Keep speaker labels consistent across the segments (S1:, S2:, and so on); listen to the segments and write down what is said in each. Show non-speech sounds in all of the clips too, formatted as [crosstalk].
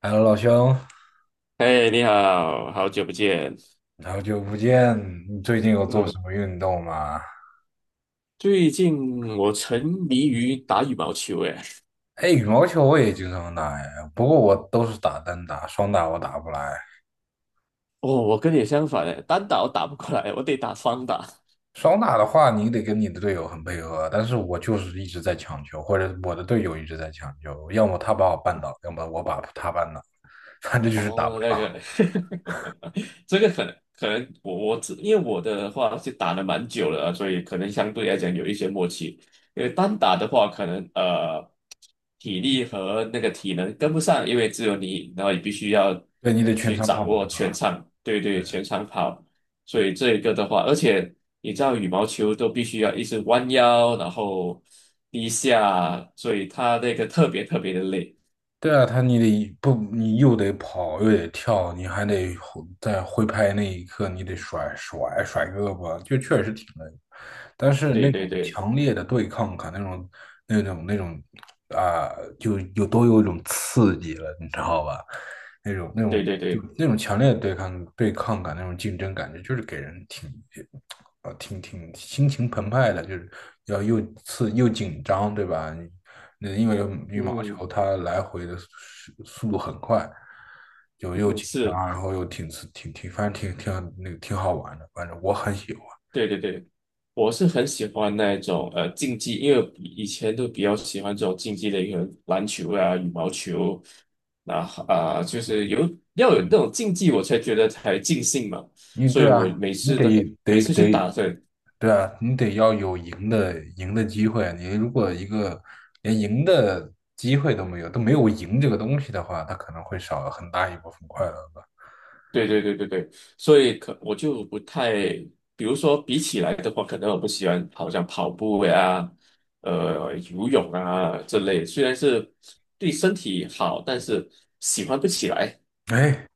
S1: h e 老兄，
S2: 哎，你好，好久不见。
S1: 好久不见！你最近有做什
S2: 嗯，
S1: 么运动吗？
S2: 最近我沉迷于打羽毛球，哎。
S1: 哎，羽毛球我也经常打哎，不过我都是打单打，双打我打不来。
S2: 哦，我跟你相反，哎，单打我打不过来，我得打双打。
S1: 双打的话，你得跟你的队友很配合，但是我就是一直在抢球，或者我的队友一直在抢球，要么他把我绊倒，要么我把他绊倒，反正就是打不
S2: 哦，那
S1: 了。
S2: 个，[laughs] 这个可能我只因为我的话是打了蛮久了啊，所以可能相对来讲有一些默契。因为单打的话，可能体力和那个体能跟不上，因为只有你，然后你必须要
S1: 对，你得全
S2: 去
S1: 场跑，
S2: 掌
S1: 对
S2: 握全
S1: 吧？
S2: 场。对对，全场跑。所以这一个的话，而且你知道羽毛球都必须要一直弯腰，然后低下，所以它那个特别特别的累。
S1: 对啊，他你得不，你又得跑，又得跳，你还得挥拍那一刻，你得甩胳膊，就确实挺累。但是那
S2: 对对
S1: 种
S2: 对
S1: 强烈的对抗感，那种那种那种啊、就有都有一种刺激了，你知道吧？那种那
S2: 对
S1: 种
S2: 对
S1: 就
S2: 对。
S1: 那种强烈的对抗感，那种竞争感觉，就是给人挺啊，挺挺心情澎湃的，就是又刺又紧张，对吧？那因为羽毛
S2: 嗯。
S1: 球它来回的速度很快，就又
S2: 嗯，
S1: 紧张，
S2: 是，
S1: 然后又挺刺，反正挺挺那个挺好玩的，反正我很喜欢。
S2: 对对对，我是很喜欢那一种竞技，因为以前都比较喜欢这种竞技类，可能篮球啊、羽毛球。那啊、就是有要有那种竞技，我才觉得才尽兴嘛。所以
S1: 对
S2: 我
S1: 啊，
S2: 每
S1: 你
S2: 次
S1: 得
S2: 的每
S1: 得
S2: 次去
S1: 得，
S2: 打的。
S1: 对啊，你得要有赢的机会啊。你如果一个连赢的机会都没有，都没有赢这个东西的话，它可能会少了很大一部分快乐吧。
S2: 对对对对对，所以可我就不太，比如说比起来的话，可能我不喜欢好像跑步呀、游泳啊这类，虽然是对身体好，但是喜欢不起来。
S1: 哎，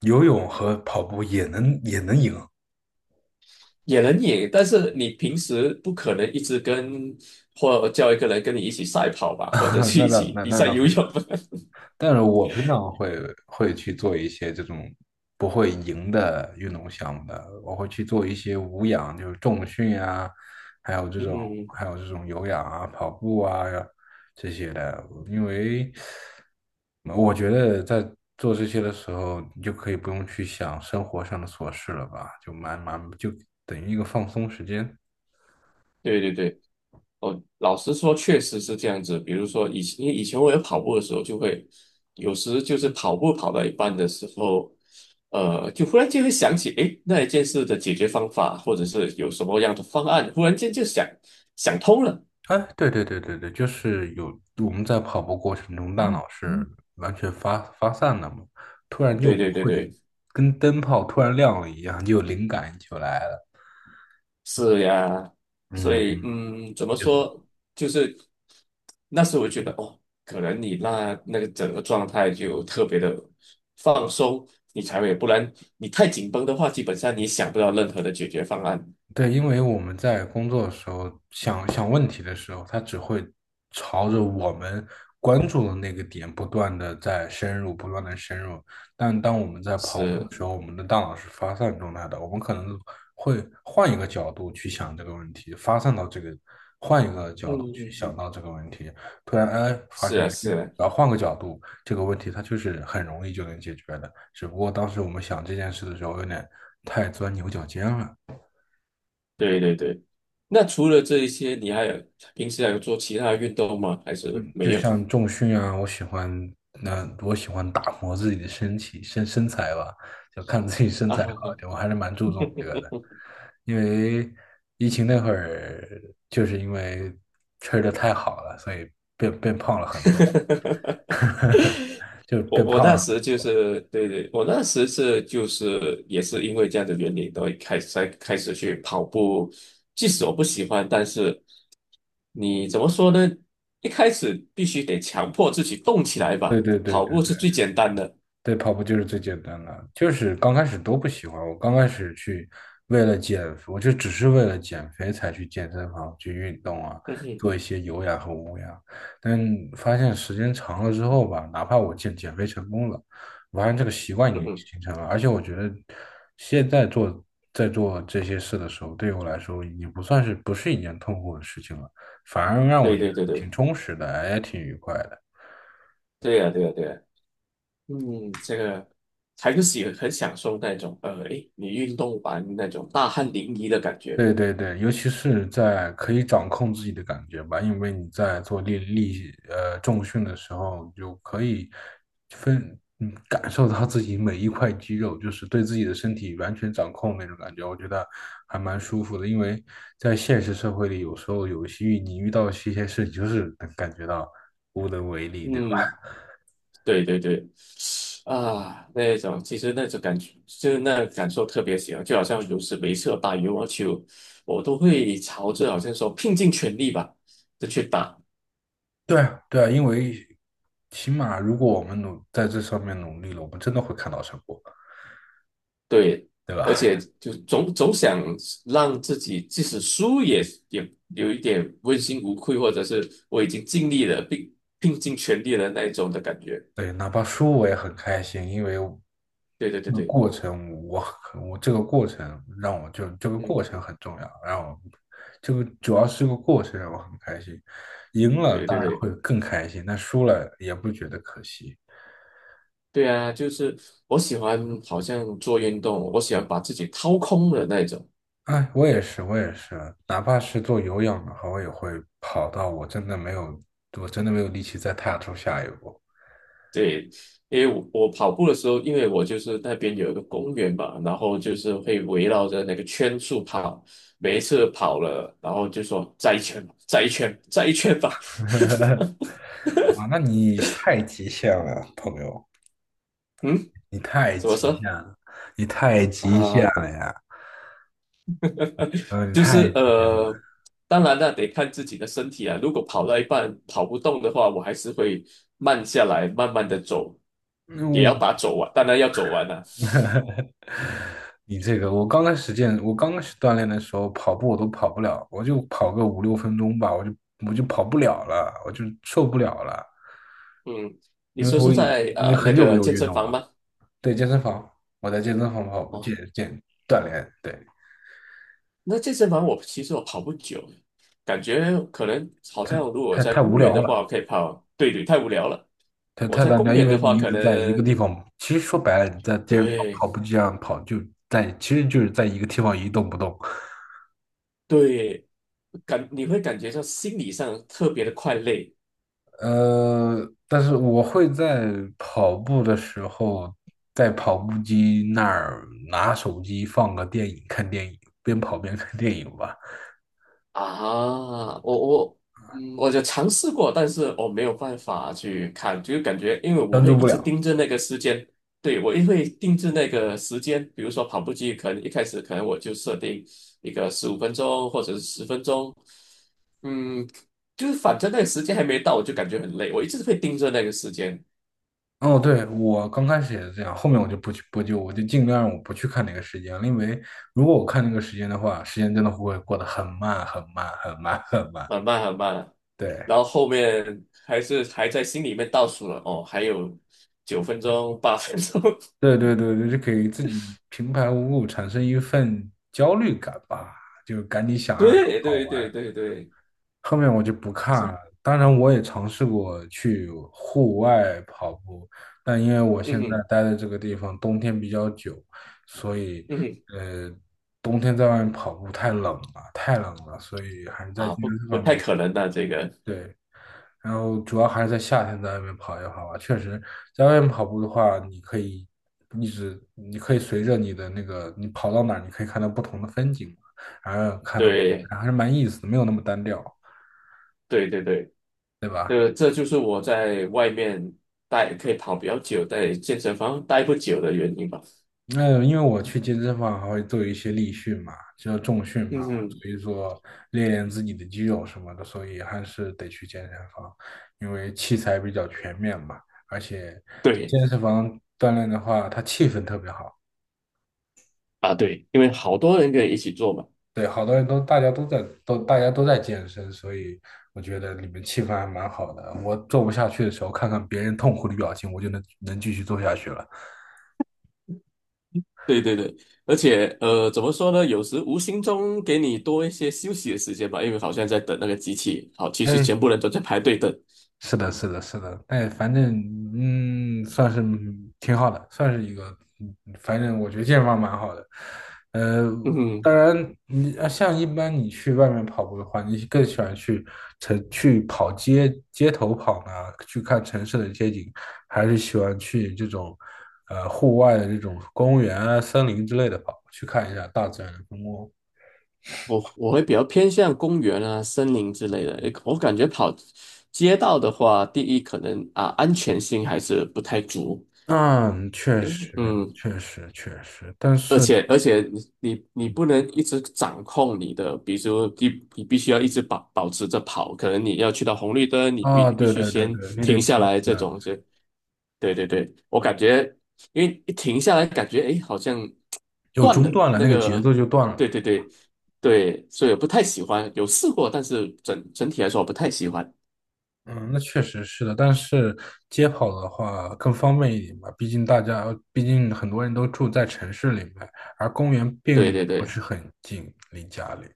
S1: 游泳和跑步也能赢，
S2: 也能赢，但是你平时不可能一直跟或叫一个人跟你一起赛跑吧，或者
S1: [laughs]
S2: 是
S1: 那
S2: 一
S1: 倒
S2: 起
S1: 那
S2: 比
S1: 那
S2: 赛
S1: 倒
S2: 游
S1: 不，
S2: 泳。
S1: 但是我平常会去做一些这种不会赢的运动项目的，我会去做一些无氧，就是重训啊，还有
S2: [laughs]
S1: 这种
S2: 嗯，
S1: 还有这种有氧啊、跑步啊这些的，因为我觉得在做这些的时候，你就可以不用去想生活上的琐事了吧，就蛮蛮就等于一个放松时间。
S2: 对对对，哦，老实说，确实是这样子。比如说以前，因为以前我有跑步的时候，就会有时就是跑步跑到一半的时候，就忽然间会想起，诶，那一件事的解决方法，或者是有什么样的方案，忽然间就想通了。
S1: 哎，对对对对对，就是我们在跑步过程中，大脑是完全发散的嘛，突然
S2: 对
S1: 就
S2: 对对
S1: 会
S2: 对。
S1: 跟灯泡突然亮了一样，就有灵感就来了。
S2: 是呀，所
S1: 嗯，
S2: 以
S1: 嗯，
S2: 怎么
S1: 也是。
S2: 说，就是那时我觉得哦，可能你那个整个状态就特别的放松，你才会，不然你太紧绷的话，基本上你想不到任何的解决方案。
S1: 对，因为我们在工作的时候想想问题的时候，它只会朝着我们关注的那个点不断的在深入，不断的深入。但当我们在跑步
S2: 是，
S1: 的时候，我们的大脑是发散状态的，我们可能会换一个角度去想这个问题，发散到这个，换一个角度
S2: 嗯
S1: 去
S2: 嗯
S1: 想
S2: 嗯，
S1: 到这个问题。突然，哎，发
S2: 是
S1: 现，哎
S2: 啊是啊，
S1: 然后换个角度，这个问题它就是很容易就能解决的。只不过当时我们想这件事的时候，有点太钻牛角尖了。
S2: 对对对。那除了这一些，你还有平时还有做其他的运动吗？还是
S1: 嗯，就
S2: 没有？
S1: 像重训啊，我喜欢打磨自己的身体身身材吧，就看自己
S2: [laughs]
S1: 身材好一点，
S2: 啊，
S1: 我还是蛮注重这个的。因为疫情那会儿，就是因为吃的太好了，所以变胖了很
S2: [laughs]
S1: 多，就
S2: 我
S1: 变
S2: 我
S1: 胖
S2: 那
S1: 了。
S2: 时就是对对，我那时就是也是因为这样的原因，都会开始才开始去跑步。即使我不喜欢，但是你怎么说呢？一开始必须得强迫自己动起来
S1: 对
S2: 吧，
S1: 对对
S2: 跑
S1: 对
S2: 步
S1: 对
S2: 是最简单的。
S1: 对，跑步就是最简单的，就是刚开始都不喜欢。我刚开始去为了减，我就只是为了减肥才去健身房去运动啊，
S2: 嗯哼，
S1: 做一些有氧和无氧。但发现时间长了之后吧，哪怕我减肥成功了，我发现这个习惯已
S2: 嗯
S1: 经
S2: 哼，
S1: 形成了。而且我觉得现在做在做这些事的时候，对我来说已经不是一件痛苦的事情了，反而让我
S2: 对
S1: 觉
S2: 对对
S1: 得
S2: 对，
S1: 挺充实的，也挺愉快的。
S2: 对呀对呀对呀，嗯，这个还是很享受那种，诶，你运动完那种大汗淋漓的感觉。
S1: 对对对，尤其是在可以掌控自己的感觉吧，因为你在做力力呃重训的时候，你就可以感受到自己每一块肌肉，就是对自己的身体完全掌控那种感觉，我觉得还蛮舒服的。因为在现实社会里，有时候有些你遇到一些事，就是能感觉到无能为力，对吧？
S2: 嗯，对对对，啊，那种其实那种感觉，就是那感受特别强，就好像有时没事打羽毛球，我都会朝着好像说拼尽全力吧，就去打。
S1: 对啊对啊，因为起码如果我们在这上面努力了，我们真的会看到成果。
S2: 对，
S1: 对
S2: 而
S1: 吧？
S2: 且就总想让自己即使输也有一点问心无愧，或者是我已经尽力了，并拼尽全力了那一种的感觉。
S1: 对，哪怕输我也很开心，因为
S2: 对对对
S1: 这个
S2: 对，
S1: 过程我很，我这个过程让我就这个过
S2: 嗯，
S1: 程很重要，让我这个主要是个过程让我很开心，赢了
S2: 对
S1: 当
S2: 对
S1: 然会
S2: 对。
S1: 更开心，但输了也不觉得可惜。
S2: 对啊，就是我喜欢好像做运动，我喜欢把自己掏空的那种。
S1: 哎，我也是，我也是，哪怕是做有氧的话，我也会跑到我真的没有，我真的没有力气再踏出下一步。
S2: 对，因为我跑步的时候，因为我就是那边有一个公园嘛，然后就是会围绕着那个圈数跑，每一次跑了，然后就说再一圈吧，再一圈，再一圈吧。
S1: [laughs]
S2: [laughs]
S1: 啊，那你太极限了，朋友。
S2: 嗯，
S1: 你太
S2: 怎么
S1: 极
S2: 说
S1: 限了，你太极限
S2: 啊、
S1: 了呀！嗯，你
S2: 就
S1: 太，
S2: 是，当然那得看自己的身体啊。如果跑到一半跑不动的话，我还是会慢下来，慢慢的走，
S1: 嗯
S2: 也要把它
S1: 我
S2: 走完，当然要走完了、
S1: [laughs] 你这个，我刚开始锻炼的时候，跑步我都跑不了，我就跑个五六分钟吧，我就跑不了了，我就受不了了，
S2: 嗯，你
S1: 因为
S2: 说是在
S1: 因为
S2: 那
S1: 很久没
S2: 个
S1: 有
S2: 健
S1: 运
S2: 身
S1: 动
S2: 房
S1: 了。
S2: 吗？
S1: 对，健身房，我在健身房跑步
S2: 哦。
S1: 锻炼，对，
S2: 那健身房我其实跑不久，感觉可能好像如果
S1: 太
S2: 在
S1: 太无
S2: 公园
S1: 聊
S2: 的
S1: 了，
S2: 话，我可以跑。对对，太无聊了。
S1: 太
S2: 我
S1: 太
S2: 在
S1: 单
S2: 公
S1: 调，因
S2: 园的
S1: 为你
S2: 话，
S1: 一
S2: 可
S1: 直在一个
S2: 能
S1: 地方，其实说白了，你在健身房
S2: 对
S1: 跑步机上跑，其实就是在一个地方一动不动。
S2: 对，你会感觉到心理上特别的快累。
S1: 但是我会在跑步的时候，在跑步机那儿拿手机放个电影，看电影，边跑边看电影吧，
S2: 啊，我就尝试过，但是我没有办法去看，就感觉因为我
S1: 专
S2: 会
S1: 注
S2: 一
S1: 不
S2: 直
S1: 了。
S2: 盯着那个时间，对，我也会盯着那个时间，比如说跑步机，可能一开始可能我就设定一个15分钟或者是10分钟，嗯，就是反正那个时间还没到，我就感觉很累，我一直会盯着那个时间，
S1: 哦，对，我刚开始也是这样，后面我就尽量不去看那个时间了，因为如果我看那个时间的话，时间真的会过得很慢很慢很慢很慢。
S2: 很慢很慢，
S1: 对，
S2: 然后后面还是还在心里面倒数了，哦，还有9分钟、8分钟。
S1: 对对对对，就给自己平白无故产生一份焦虑感吧，就赶紧想
S2: [laughs]
S1: 让它
S2: 对
S1: 跑
S2: 对对
S1: 完。
S2: 对对。
S1: 后面我就不看
S2: 是，
S1: 了。当然，我也尝试过去户外跑步，但因为我
S2: 嗯
S1: 现在
S2: 哼，
S1: 待的这个地方冬天比较久，所以
S2: 嗯哼，
S1: 呃，冬天在外面跑步太冷了，太冷了，所以还是在健
S2: 啊，不，
S1: 身
S2: 不
S1: 房
S2: 太
S1: 比较
S2: 可能的，这个，
S1: 对。然后主要还是在夏天在外面跑一跑吧。确实，在外面跑步的话，你可以一直，你可以随着你的那个，你跑到哪儿，你可以看到不同的风景嘛，然后看到
S2: 对，
S1: 还是蛮有意思的，没有那么单调，
S2: 对，对，对，
S1: 对吧？
S2: 这就是我在外面待可以跑比较久，在健身房待不久的原因吧。
S1: 那因为我去健身房还会做一些力训嘛，就是重训嘛，
S2: 嗯哼，
S1: 所以说练练自己的肌肉什么的，所以还是得去健身房，因为器材比较全面嘛，而且在
S2: 对，
S1: 健身房锻炼的话，它气氛特别好，
S2: 啊，对，因为好多人可以一起做嘛。
S1: 对，好多人都大家都在健身，所以我觉得里面气氛还蛮好的。我做不下去的时候，看看别人痛苦的表情，我就能继续做下去了。
S2: 对对对，而且，怎么说呢？有时无形中给你多一些休息的时间吧，因为好像在等那个机器，好，其实全
S1: 嗯。
S2: 部人都在排队等。
S1: 是的，是的，是的，哎，反正算是挺好的，算是一个，反正我觉得健身房蛮好的。呃，
S2: 嗯哼，
S1: 当然，像一般你去外面跑步的话，你更喜欢去城去跑街街头跑呢，去看城市的街景，还是喜欢去户外的这种公园啊、森林之类的跑，去看一下大自然的风光？
S2: 我会比较偏向公园啊、森林之类的。诶我感觉跑街道的话，第一可能啊安全性还是不太足，
S1: 嗯，确实，
S2: 嗯，
S1: 确实，确实，但
S2: 而
S1: 是。
S2: 且而且你不能一直掌控你的，比如说你必须要一直保持着跑，可能你要去到红绿灯，你必
S1: 啊，
S2: 必
S1: 对
S2: 须
S1: 对对
S2: 先
S1: 对，你得
S2: 停下
S1: 停
S2: 来，
S1: 一
S2: 这
S1: 下，
S2: 种就，对对对，我感觉因为一停下来，感觉诶好像
S1: 有
S2: 断
S1: 中
S2: 了
S1: 断了，
S2: 那
S1: 那个节奏
S2: 个，
S1: 就断了。
S2: 对对对对，所以我不太喜欢，有试过，但是整体来说我不太喜欢，
S1: 嗯，那确实是的，但是街跑的话更方便一点吧，毕竟很多人都住在城市里面，而公园并
S2: 对对
S1: 不
S2: 对。
S1: 是很近离家里。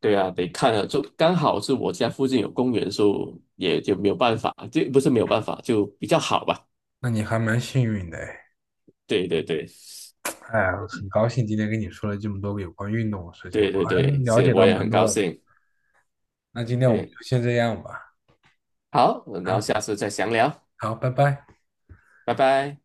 S2: 对啊，得看了，就刚好是我家附近有公园，所以也就没有办法，就不是没有办法，就比较好吧。
S1: 那你还蛮幸运的哎，
S2: 对对对，
S1: 哎呀很高兴今天跟你说了这么多有关运动的事情，我
S2: 对对
S1: 还
S2: 对，
S1: 了
S2: 是，
S1: 解
S2: 我
S1: 到
S2: 也
S1: 蛮
S2: 很高
S1: 多的。
S2: 兴。
S1: 那今天我们
S2: 嗯，
S1: 就先这样吧，
S2: 好，我们然后
S1: 好，
S2: 下次再详聊。
S1: 好，拜拜。
S2: 拜拜。